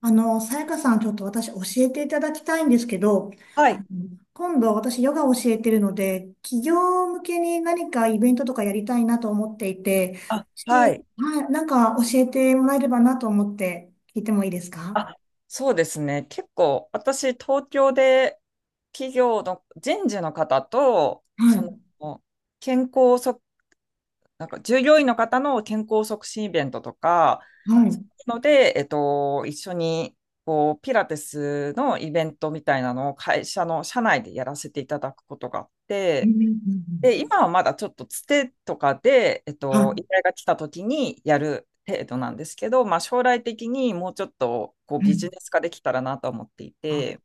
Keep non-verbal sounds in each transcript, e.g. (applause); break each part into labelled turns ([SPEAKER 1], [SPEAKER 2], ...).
[SPEAKER 1] さやかさん、ちょっと私教えていただきたいんですけど、
[SPEAKER 2] は
[SPEAKER 1] あ
[SPEAKER 2] い。
[SPEAKER 1] の今度私ヨガを教えてるので、企業向けに何かイベントとかやりたいなと思っていて、
[SPEAKER 2] あ、はい。
[SPEAKER 1] はい、なんか教えてもらえればなと思って聞いてもいいですか？
[SPEAKER 2] あ、そうですね。結構、私、東京で企業の人事の方と、
[SPEAKER 1] はい。
[SPEAKER 2] の、健康促、なんか従業員の方の健康促進イベントとか、
[SPEAKER 1] はい。う
[SPEAKER 2] そう
[SPEAKER 1] ん
[SPEAKER 2] いうので、一緒に、こう、ピラティスのイベントみたいなのを会社の社内でやらせていただくことがあっ
[SPEAKER 1] うん。う
[SPEAKER 2] て、
[SPEAKER 1] んうん。
[SPEAKER 2] で、今はまだちょっとつてとかで、
[SPEAKER 1] はい。
[SPEAKER 2] 依頼が来た時にやる程度なんですけど、まあ、将来的にもうちょっとこう
[SPEAKER 1] う
[SPEAKER 2] ビジ
[SPEAKER 1] ん。
[SPEAKER 2] ネス化できたらなと思っていて、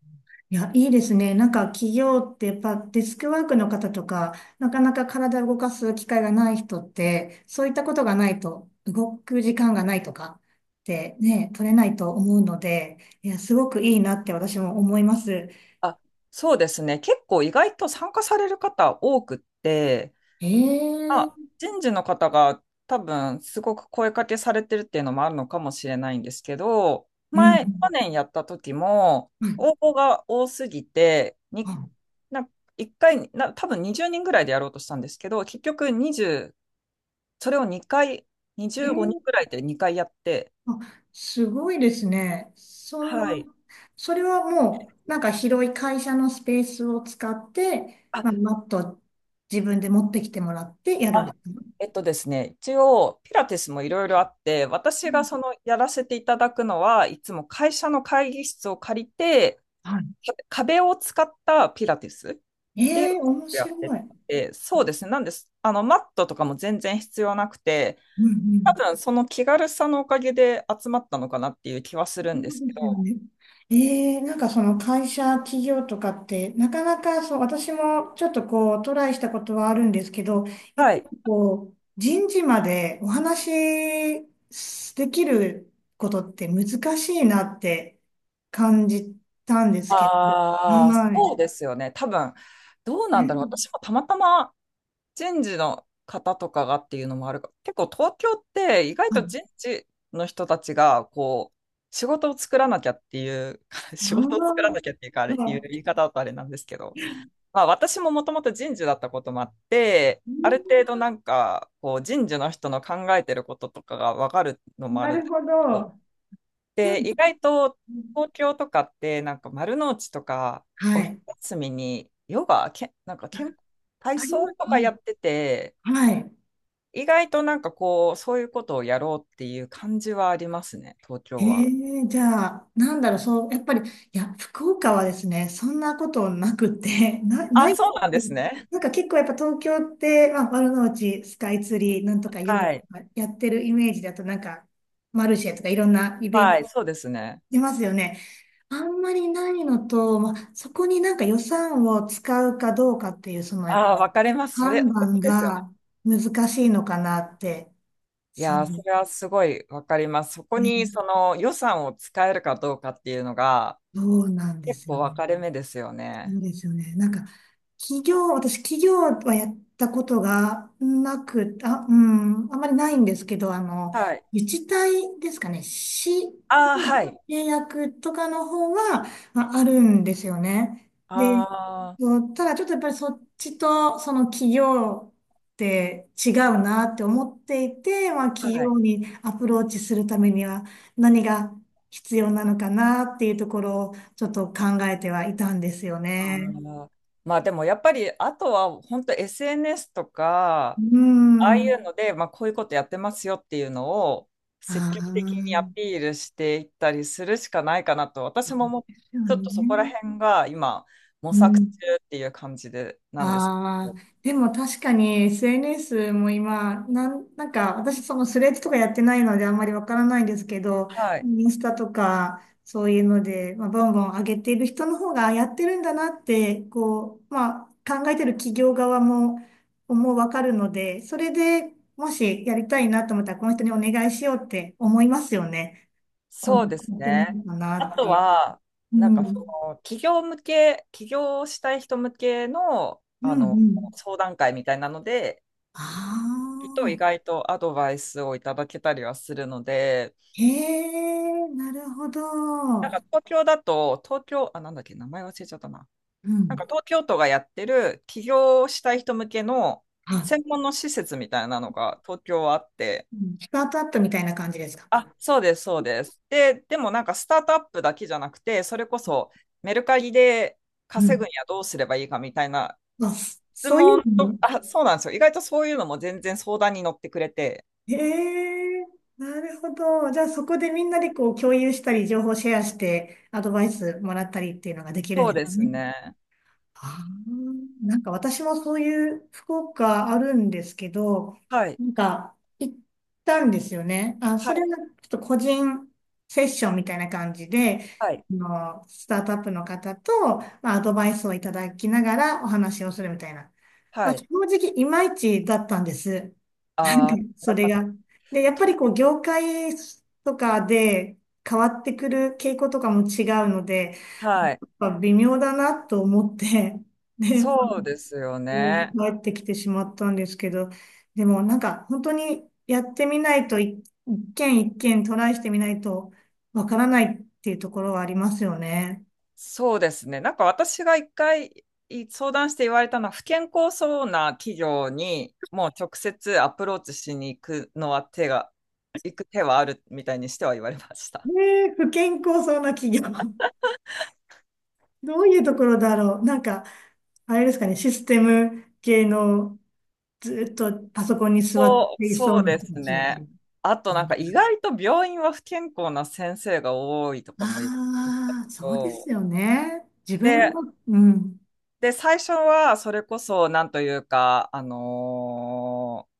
[SPEAKER 1] いや、いいですね。なんか企業ってやっぱデスクワークの方とか、なかなか体を動かす機会がない人って、そういったことがないと、動く時間がないとかってね、取れないと思うので、いや、すごくいいなって私も思います。
[SPEAKER 2] あ、そうですね、結構意外と参加される方多くって、ま
[SPEAKER 1] ええ。
[SPEAKER 2] あ、人事の方が多分すごく声かけされてるっていうのもあるのかもしれないんですけど、
[SPEAKER 1] う
[SPEAKER 2] 前、去
[SPEAKER 1] ん。
[SPEAKER 2] 年やった時も
[SPEAKER 1] う
[SPEAKER 2] 応
[SPEAKER 1] ん。
[SPEAKER 2] 募が多すぎて、
[SPEAKER 1] あ、
[SPEAKER 2] な1回、多分20人ぐらいでやろうとしたんですけど、結局20、それを2回、
[SPEAKER 1] え
[SPEAKER 2] 25人
[SPEAKER 1] ー、
[SPEAKER 2] ぐらいで2回やって、
[SPEAKER 1] あ、すごいですね。そ
[SPEAKER 2] は
[SPEAKER 1] ん
[SPEAKER 2] い。
[SPEAKER 1] な、それはもう、なんか広い会社のスペースを使って、まあ、
[SPEAKER 2] あ、
[SPEAKER 1] マット自分で持ってきてもらってやるん
[SPEAKER 2] あ、
[SPEAKER 1] です？
[SPEAKER 2] ですね、一応、ピラティスもいろいろあって、
[SPEAKER 1] う
[SPEAKER 2] 私が
[SPEAKER 1] ん。
[SPEAKER 2] そのやらせていただくのは、いつも会社の会議室を借りて、
[SPEAKER 1] は
[SPEAKER 2] 壁を使ったピラティスっ
[SPEAKER 1] い。
[SPEAKER 2] ていうの
[SPEAKER 1] ええ、面
[SPEAKER 2] をやって
[SPEAKER 1] 白い。
[SPEAKER 2] て、そうですね、なんです。マットとかも全然必要なくて、
[SPEAKER 1] うんう
[SPEAKER 2] 多
[SPEAKER 1] ん。
[SPEAKER 2] 分その気軽さのおかげで集まったのかなっていう気はする
[SPEAKER 1] そ
[SPEAKER 2] んです
[SPEAKER 1] う
[SPEAKER 2] け
[SPEAKER 1] ですよ
[SPEAKER 2] ど、
[SPEAKER 1] ね。ええ、なんかその会社、企業とかって、なかなかそう、私もちょっとこう、トライしたことはあるんですけど、やっ
[SPEAKER 2] は
[SPEAKER 1] ぱ
[SPEAKER 2] い。
[SPEAKER 1] りこう、人事までお話しできることって難しいなって感じたんですけど。
[SPEAKER 2] ああ、
[SPEAKER 1] はい。
[SPEAKER 2] そうですよね。多分、どうなんだろう。私
[SPEAKER 1] ね。
[SPEAKER 2] もたまたま人事の方とかがっていうのもあるか結構東京って意外
[SPEAKER 1] は
[SPEAKER 2] と
[SPEAKER 1] い。
[SPEAKER 2] 人事の人たちが、こう、仕事を作らなきゃっていう、(laughs) 仕
[SPEAKER 1] あ
[SPEAKER 2] 事を作らな
[SPEAKER 1] あ、
[SPEAKER 2] きゃっていうか、あ
[SPEAKER 1] は
[SPEAKER 2] れ、いう
[SPEAKER 1] い。
[SPEAKER 2] 言い方だとあれなんですけど、まあ私ももともと人事だったこともあって、
[SPEAKER 1] う
[SPEAKER 2] ある
[SPEAKER 1] ん。
[SPEAKER 2] 程度なんか、こう、人事の人の考えてることとかがわかるのもあ
[SPEAKER 1] な
[SPEAKER 2] るんで
[SPEAKER 1] る
[SPEAKER 2] す
[SPEAKER 1] ほ
[SPEAKER 2] けど
[SPEAKER 1] ど。で
[SPEAKER 2] で、
[SPEAKER 1] も、
[SPEAKER 2] 意外と東京とかってなんか丸の内とか
[SPEAKER 1] は
[SPEAKER 2] お昼
[SPEAKER 1] い。
[SPEAKER 2] 休みにヨガ、なんか体
[SPEAKER 1] ありま
[SPEAKER 2] 操
[SPEAKER 1] す
[SPEAKER 2] とか
[SPEAKER 1] ね。
[SPEAKER 2] やってて、
[SPEAKER 1] はい。
[SPEAKER 2] 意外となんかこう、そういうことをやろうっていう感じはありますね、東
[SPEAKER 1] え
[SPEAKER 2] 京は。
[SPEAKER 1] え。じゃあ、なんだろう、そう、やっぱり、いや、福岡はですね、そんなことなくて、(laughs)
[SPEAKER 2] あ、
[SPEAKER 1] ない、
[SPEAKER 2] そうなんですね。
[SPEAKER 1] なんか結構やっぱ東京って、まあ、丸の内、スカイツリー、なんとかヨガと
[SPEAKER 2] はい。
[SPEAKER 1] かやってるイメージだと、なんか、マルシェとかいろんなイベン
[SPEAKER 2] は
[SPEAKER 1] ト
[SPEAKER 2] い、そうですね。
[SPEAKER 1] 出ますよね。あんまりないのと、まあ、そこになんか予算を使うかどうかっていう、その、やっぱ
[SPEAKER 2] ああ、わかります。それ、
[SPEAKER 1] 判断
[SPEAKER 2] ですよね。
[SPEAKER 1] が難しいのかなって、
[SPEAKER 2] い
[SPEAKER 1] そう
[SPEAKER 2] やー、それはすごいわかります。そこ
[SPEAKER 1] ね、
[SPEAKER 2] にその予算を使えるかどうかっていうのが
[SPEAKER 1] どうなんで
[SPEAKER 2] 結
[SPEAKER 1] すよ
[SPEAKER 2] 構分
[SPEAKER 1] ね。
[SPEAKER 2] かれ目ですよ
[SPEAKER 1] そ
[SPEAKER 2] ね。
[SPEAKER 1] うですよね。なんか、企業、私、企業はやったことがなく、あ、うん、あまりないんですけど、
[SPEAKER 2] はい。
[SPEAKER 1] 自治体ですかね、市
[SPEAKER 2] ああ、
[SPEAKER 1] の
[SPEAKER 2] はい。
[SPEAKER 1] 契約とかの方は、まあ、あるんですよね。で、
[SPEAKER 2] ああ。
[SPEAKER 1] そう、ただちょっとやっぱりそっちとその企業って違うなって思っていて、まあ、企
[SPEAKER 2] はい。
[SPEAKER 1] 業にアプローチするためには何が必要なのかなっていうところをちょっと考えてはいたんですよ
[SPEAKER 2] あ
[SPEAKER 1] ね。
[SPEAKER 2] の、まあでもやっぱり、あとは本当 SNS と
[SPEAKER 1] う
[SPEAKER 2] か、ああい
[SPEAKER 1] ん。
[SPEAKER 2] うので、まあこういうことやってますよっていうのを
[SPEAKER 1] あ
[SPEAKER 2] 積極的にア
[SPEAKER 1] あ、
[SPEAKER 2] ピールしていったりするしかないかなと、私ももう
[SPEAKER 1] そう
[SPEAKER 2] ちょっとそこら
[SPEAKER 1] ね。
[SPEAKER 2] 辺が今模
[SPEAKER 1] う
[SPEAKER 2] 索中
[SPEAKER 1] ん。
[SPEAKER 2] っていう感じでなんですけ
[SPEAKER 1] ああ、
[SPEAKER 2] ど。
[SPEAKER 1] でも確かに SNS も今、なんか私そのスレッズとかやってないのであんまりわからないんですけど、
[SPEAKER 2] はい。
[SPEAKER 1] インスタとかそういうので、まあ、ボンボン上げている人の方がやってるんだなって、こう、まあ考えてる企業側も、もうわかるので、それでもしやりたいなと思ったらこの人にお願いしようって思いますよね。こ
[SPEAKER 2] そ
[SPEAKER 1] ん
[SPEAKER 2] うです
[SPEAKER 1] やってみ
[SPEAKER 2] ね。
[SPEAKER 1] るかな
[SPEAKER 2] あ
[SPEAKER 1] って
[SPEAKER 2] と
[SPEAKER 1] いう。
[SPEAKER 2] は、
[SPEAKER 1] う
[SPEAKER 2] なんかそ
[SPEAKER 1] ん。
[SPEAKER 2] の企業向け、起業したい人向けの、
[SPEAKER 1] うんうん。
[SPEAKER 2] 相談会みたいなので、
[SPEAKER 1] あ
[SPEAKER 2] 意
[SPEAKER 1] あ。
[SPEAKER 2] 外とアドバイスをいただけたりはするので、
[SPEAKER 1] へえ、なるほど。
[SPEAKER 2] なんか東京だと、東京、あ、なんだっけ、名前忘れちゃったな。
[SPEAKER 1] う
[SPEAKER 2] なんか
[SPEAKER 1] ん。
[SPEAKER 2] 東京都がやってる起業したい人向けの
[SPEAKER 1] はい。
[SPEAKER 2] 専門の施設みたいなのが東京はあって、
[SPEAKER 1] うん。スタートアップみたいな感じですか？
[SPEAKER 2] あ、そうです、そうです。でもなんかスタートアップだけじゃなくて、それこそメルカリで
[SPEAKER 1] う
[SPEAKER 2] 稼
[SPEAKER 1] ん。
[SPEAKER 2] ぐにはどうすればいいかみたいな
[SPEAKER 1] あ、
[SPEAKER 2] 質
[SPEAKER 1] そういう
[SPEAKER 2] 問
[SPEAKER 1] の
[SPEAKER 2] と、
[SPEAKER 1] も。
[SPEAKER 2] あ、そうなんですよ。意外とそういうのも全然相談に乗ってくれて。
[SPEAKER 1] へえ、なるほど。じゃあそこでみんなでこう共有したり、情報シェアして、アドバイスもらったりっていうのができるん
[SPEAKER 2] そ
[SPEAKER 1] で
[SPEAKER 2] う
[SPEAKER 1] す
[SPEAKER 2] です
[SPEAKER 1] ね。
[SPEAKER 2] ね。
[SPEAKER 1] あー、なんか私もそういう福岡あるんですけど、
[SPEAKER 2] はい、
[SPEAKER 1] なんか行ったんですよね。あ、
[SPEAKER 2] は
[SPEAKER 1] それ
[SPEAKER 2] い、
[SPEAKER 1] はちょっと個人セッションみたいな感じで、
[SPEAKER 2] はい、
[SPEAKER 1] スタートアップの方と、まあ、アドバイスをいただきながらお話をするみたいな。ま
[SPEAKER 2] は
[SPEAKER 1] あ、正
[SPEAKER 2] い。
[SPEAKER 1] 直いまいちだったんです。(laughs) なん
[SPEAKER 2] あ
[SPEAKER 1] で
[SPEAKER 2] あ、
[SPEAKER 1] そ
[SPEAKER 2] やっ
[SPEAKER 1] れ
[SPEAKER 2] ぱ、
[SPEAKER 1] が。で、やっぱりこう業界とかで変わってくる傾向とかも違うので、
[SPEAKER 2] はい。
[SPEAKER 1] やっぱ微妙だなと思って、で
[SPEAKER 2] そうですよね。
[SPEAKER 1] 帰ってきてしまったんですけど、でもなんか本当にやってみないと一件一件トライしてみないとわからないっていうところはありますよね。
[SPEAKER 2] そうですね。なんか私が一回相談して言われたのは、不健康そうな企業にもう直接アプローチしに行くのは行く手はあるみたいにしては言われました。
[SPEAKER 1] ねえ、不健康そうな企業。どういうところだろう。なんか、あれですかね、システム系のずっとパソコンに座っ
[SPEAKER 2] そう、
[SPEAKER 1] ていそ
[SPEAKER 2] そ
[SPEAKER 1] う
[SPEAKER 2] う
[SPEAKER 1] な
[SPEAKER 2] で
[SPEAKER 1] 人た
[SPEAKER 2] す
[SPEAKER 1] ちみた
[SPEAKER 2] ね。
[SPEAKER 1] い
[SPEAKER 2] あとな
[SPEAKER 1] な。
[SPEAKER 2] んか意外と病院は不健康な先生が多いとかも言う
[SPEAKER 1] ああー、そうです
[SPEAKER 2] と、
[SPEAKER 1] よね。自分
[SPEAKER 2] で、
[SPEAKER 1] の、うん。
[SPEAKER 2] で、最初はそれこそなんというか、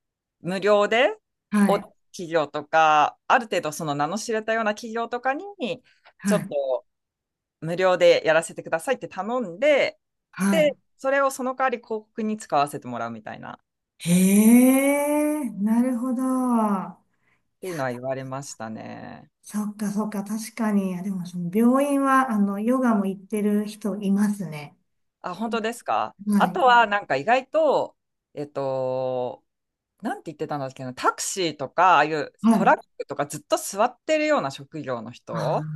[SPEAKER 2] 無料で
[SPEAKER 1] はい。
[SPEAKER 2] 企業とか、ある程度その名の知れたような企業とかに、
[SPEAKER 1] は
[SPEAKER 2] ちょっ
[SPEAKER 1] い。
[SPEAKER 2] と無料でやらせてくださいって頼んで、
[SPEAKER 1] は
[SPEAKER 2] で、
[SPEAKER 1] い。
[SPEAKER 2] それをその代わり広告に使わせてもらうみたいなっ
[SPEAKER 1] へえ、なるほど。いや、
[SPEAKER 2] ていうのは言われましたね。
[SPEAKER 1] そっかそっか、確かに。いやでも、その病院は、ヨガも行ってる人いますね。
[SPEAKER 2] あ、本当ですか。
[SPEAKER 1] は
[SPEAKER 2] あと
[SPEAKER 1] い。
[SPEAKER 2] はなんか意外と、えっと、なんて言ってたんだっけな、タクシーとか、ああいう
[SPEAKER 1] は
[SPEAKER 2] トラッ
[SPEAKER 1] い。
[SPEAKER 2] クとかずっと座ってるような職業の
[SPEAKER 1] あ
[SPEAKER 2] 人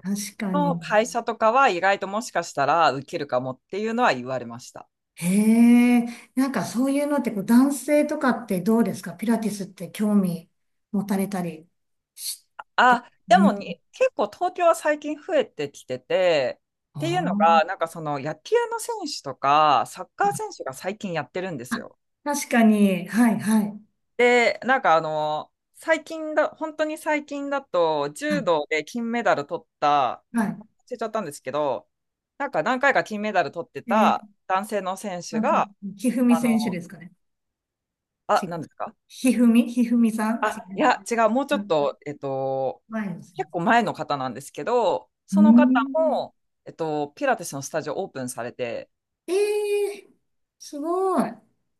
[SPEAKER 1] あ、確か
[SPEAKER 2] の
[SPEAKER 1] に。
[SPEAKER 2] 会社とかは意外ともしかしたら受けるかもっていうのは言われました。
[SPEAKER 1] へえ、なんかそういうのって、こう、男性とかってどうですか、ピラティスって興味持たれたりして？
[SPEAKER 2] あ、で
[SPEAKER 1] うん。
[SPEAKER 2] もに結構東京は最近増えてきてて、
[SPEAKER 1] あ
[SPEAKER 2] っていうの
[SPEAKER 1] ー、
[SPEAKER 2] が、なんか野球の選手とかサッカー選手が最近やってるんで
[SPEAKER 1] あ、
[SPEAKER 2] すよ。
[SPEAKER 1] 確かに。はい、はい。
[SPEAKER 2] で、なんか最近だ、本当に最近だと、
[SPEAKER 1] は
[SPEAKER 2] 柔
[SPEAKER 1] い、
[SPEAKER 2] 道で金メダル取った、名前
[SPEAKER 1] は
[SPEAKER 2] 忘れちゃったんですけど、なんか何回か金メダル取って
[SPEAKER 1] い。
[SPEAKER 2] た男性の選手
[SPEAKER 1] あ、
[SPEAKER 2] が、
[SPEAKER 1] ひふみ
[SPEAKER 2] あ
[SPEAKER 1] 選手
[SPEAKER 2] の、
[SPEAKER 1] ですかね。
[SPEAKER 2] あ、
[SPEAKER 1] 違う。
[SPEAKER 2] なんですか
[SPEAKER 1] ひふみさん違
[SPEAKER 2] あ、い
[SPEAKER 1] う。
[SPEAKER 2] や、違う、もうちょ
[SPEAKER 1] う
[SPEAKER 2] っ
[SPEAKER 1] ん。
[SPEAKER 2] と、
[SPEAKER 1] 前の先
[SPEAKER 2] 結構前の方なんですけど、その
[SPEAKER 1] 生。
[SPEAKER 2] 方
[SPEAKER 1] うん。
[SPEAKER 2] も、ピラティスのスタジオオープンされて、
[SPEAKER 1] ええー、すごい。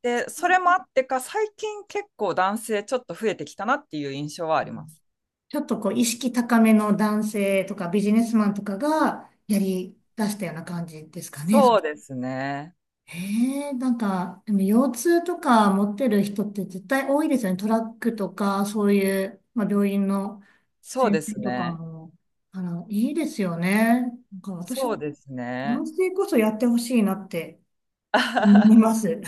[SPEAKER 2] で、それもあってか、最近結構男性ちょっと増えてきたなっていう印象はあります。
[SPEAKER 1] ちょっとこう、意識高めの男性とかビジネスマンとかがやり出したような感じですかね。
[SPEAKER 2] そうですね。
[SPEAKER 1] ええ。なんか、でも腰痛とか持ってる人って絶対多いですよね。トラックとか、そういう、まあ、病院の
[SPEAKER 2] そうで
[SPEAKER 1] 先生
[SPEAKER 2] す
[SPEAKER 1] とか
[SPEAKER 2] ね。
[SPEAKER 1] も、いいですよね。なんか私
[SPEAKER 2] そ
[SPEAKER 1] も、
[SPEAKER 2] うです
[SPEAKER 1] 男
[SPEAKER 2] ね。
[SPEAKER 1] 性こそやってほしいなって思い
[SPEAKER 2] (laughs)
[SPEAKER 1] ます。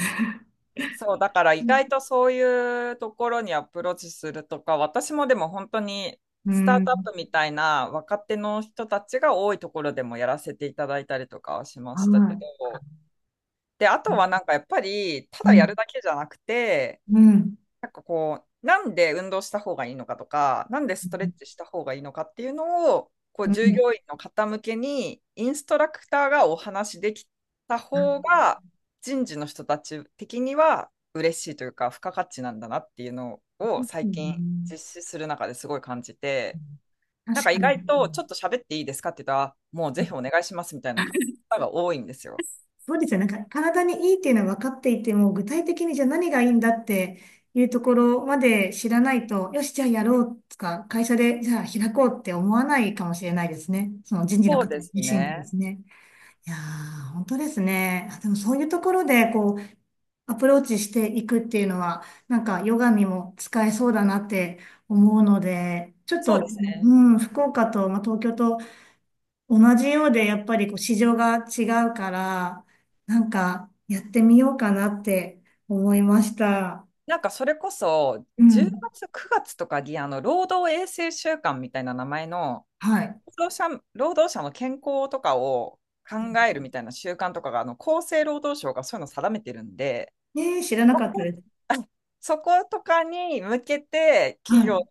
[SPEAKER 2] そう、だから
[SPEAKER 1] う
[SPEAKER 2] 意
[SPEAKER 1] ん。
[SPEAKER 2] 外とそういうところにアプローチするとか、私もでも本当に
[SPEAKER 1] う
[SPEAKER 2] スタートアッ
[SPEAKER 1] ん。
[SPEAKER 2] プみたいな若手の人たちが多いところでもやらせていただいたりとかはしま
[SPEAKER 1] は
[SPEAKER 2] したけど、で、あとは
[SPEAKER 1] い。
[SPEAKER 2] なんかやっぱり、た
[SPEAKER 1] う
[SPEAKER 2] だや
[SPEAKER 1] ん。
[SPEAKER 2] るだけじゃなくて、
[SPEAKER 1] うん。
[SPEAKER 2] なんかこう、なんで運動した方がいいのかとか、なんでストレッチした方がいいのかっていうのを、こう
[SPEAKER 1] う
[SPEAKER 2] 従
[SPEAKER 1] ん。
[SPEAKER 2] 業員の方向けにインストラクターがお話できた方が、人事の人たち的には嬉しいというか、付加価値なんだなっていうのを
[SPEAKER 1] う
[SPEAKER 2] 最近
[SPEAKER 1] ん。
[SPEAKER 2] 実施する中ですごい感じて、な
[SPEAKER 1] 確
[SPEAKER 2] んか
[SPEAKER 1] か
[SPEAKER 2] 意
[SPEAKER 1] に。
[SPEAKER 2] 外とちょっと喋っていいですかって言ったら、もうぜひお願いしますみたいな方が多いんですよ。
[SPEAKER 1] そうですよ。なんか体にいいっていうのは分かっていても、具体的にじゃあ何がいいんだっていうところまで知らないと、よし、じゃあやろうとか、会社でじゃあ開こうって思わないかもしれないですね。その人事の
[SPEAKER 2] そう
[SPEAKER 1] 方
[SPEAKER 2] です
[SPEAKER 1] 自身が
[SPEAKER 2] ね。
[SPEAKER 1] ですね。いやー、本当ですね。あ、でもそういうところで、こう、アプローチしていくっていうのは、なんかヨガにも使えそうだなって思うので、ちょっ
[SPEAKER 2] そう
[SPEAKER 1] と、
[SPEAKER 2] ですね。
[SPEAKER 1] うん、福岡と、まあ、東京と同じようで、やっぱりこう市場が違うから、なんかやってみようかなって思いました。
[SPEAKER 2] なんかそれこそ
[SPEAKER 1] う
[SPEAKER 2] 10
[SPEAKER 1] ん。
[SPEAKER 2] 月、9月とかにあの労働衛生週間みたいな名前の
[SPEAKER 1] はい。
[SPEAKER 2] 労働者の健康とかを考えるみたいな習慣とかがあの厚生労働省がそういうのを定めてるんで、
[SPEAKER 1] ねえ、知らなかったで
[SPEAKER 2] (laughs)
[SPEAKER 1] す。
[SPEAKER 2] あそことかに向けて
[SPEAKER 1] は
[SPEAKER 2] 企業に
[SPEAKER 1] い。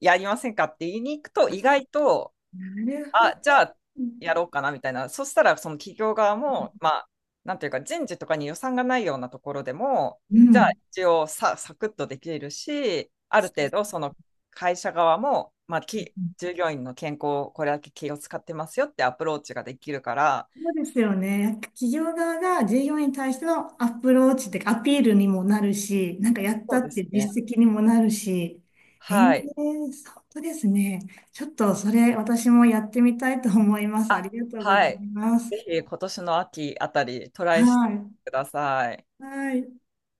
[SPEAKER 2] やりませんかって言いに行くと意外と
[SPEAKER 1] なるほ
[SPEAKER 2] あ、
[SPEAKER 1] ど。
[SPEAKER 2] じゃあ、やろうかな、みたいな。そしたら、その企業側も、まあ、なんていうか、人事とかに予算がないようなところでも、
[SPEAKER 1] う
[SPEAKER 2] じゃあ、
[SPEAKER 1] ん。
[SPEAKER 2] 一応さ、サクッとできるし、ある程度、その会社側も、まあ、従業員の健康をこれだけ気を使ってますよってアプローチができるから、
[SPEAKER 1] そうですよね。企業側が従業員に対してのアプローチっていうか、アピールにもなるし、なんかやっ
[SPEAKER 2] そ
[SPEAKER 1] た
[SPEAKER 2] う
[SPEAKER 1] っ
[SPEAKER 2] で
[SPEAKER 1] てい
[SPEAKER 2] す
[SPEAKER 1] う
[SPEAKER 2] ね。
[SPEAKER 1] 実績にもなるし、ええ、
[SPEAKER 2] はい。
[SPEAKER 1] 本当ですね。ちょっとそれ私もやってみたいと思います。あり
[SPEAKER 2] あ、
[SPEAKER 1] がとうござい
[SPEAKER 2] はい。
[SPEAKER 1] ま
[SPEAKER 2] ぜ
[SPEAKER 1] す。
[SPEAKER 2] ひ、今年の秋あたり、ト
[SPEAKER 1] は
[SPEAKER 2] ライして
[SPEAKER 1] い。
[SPEAKER 2] ください。
[SPEAKER 1] はい。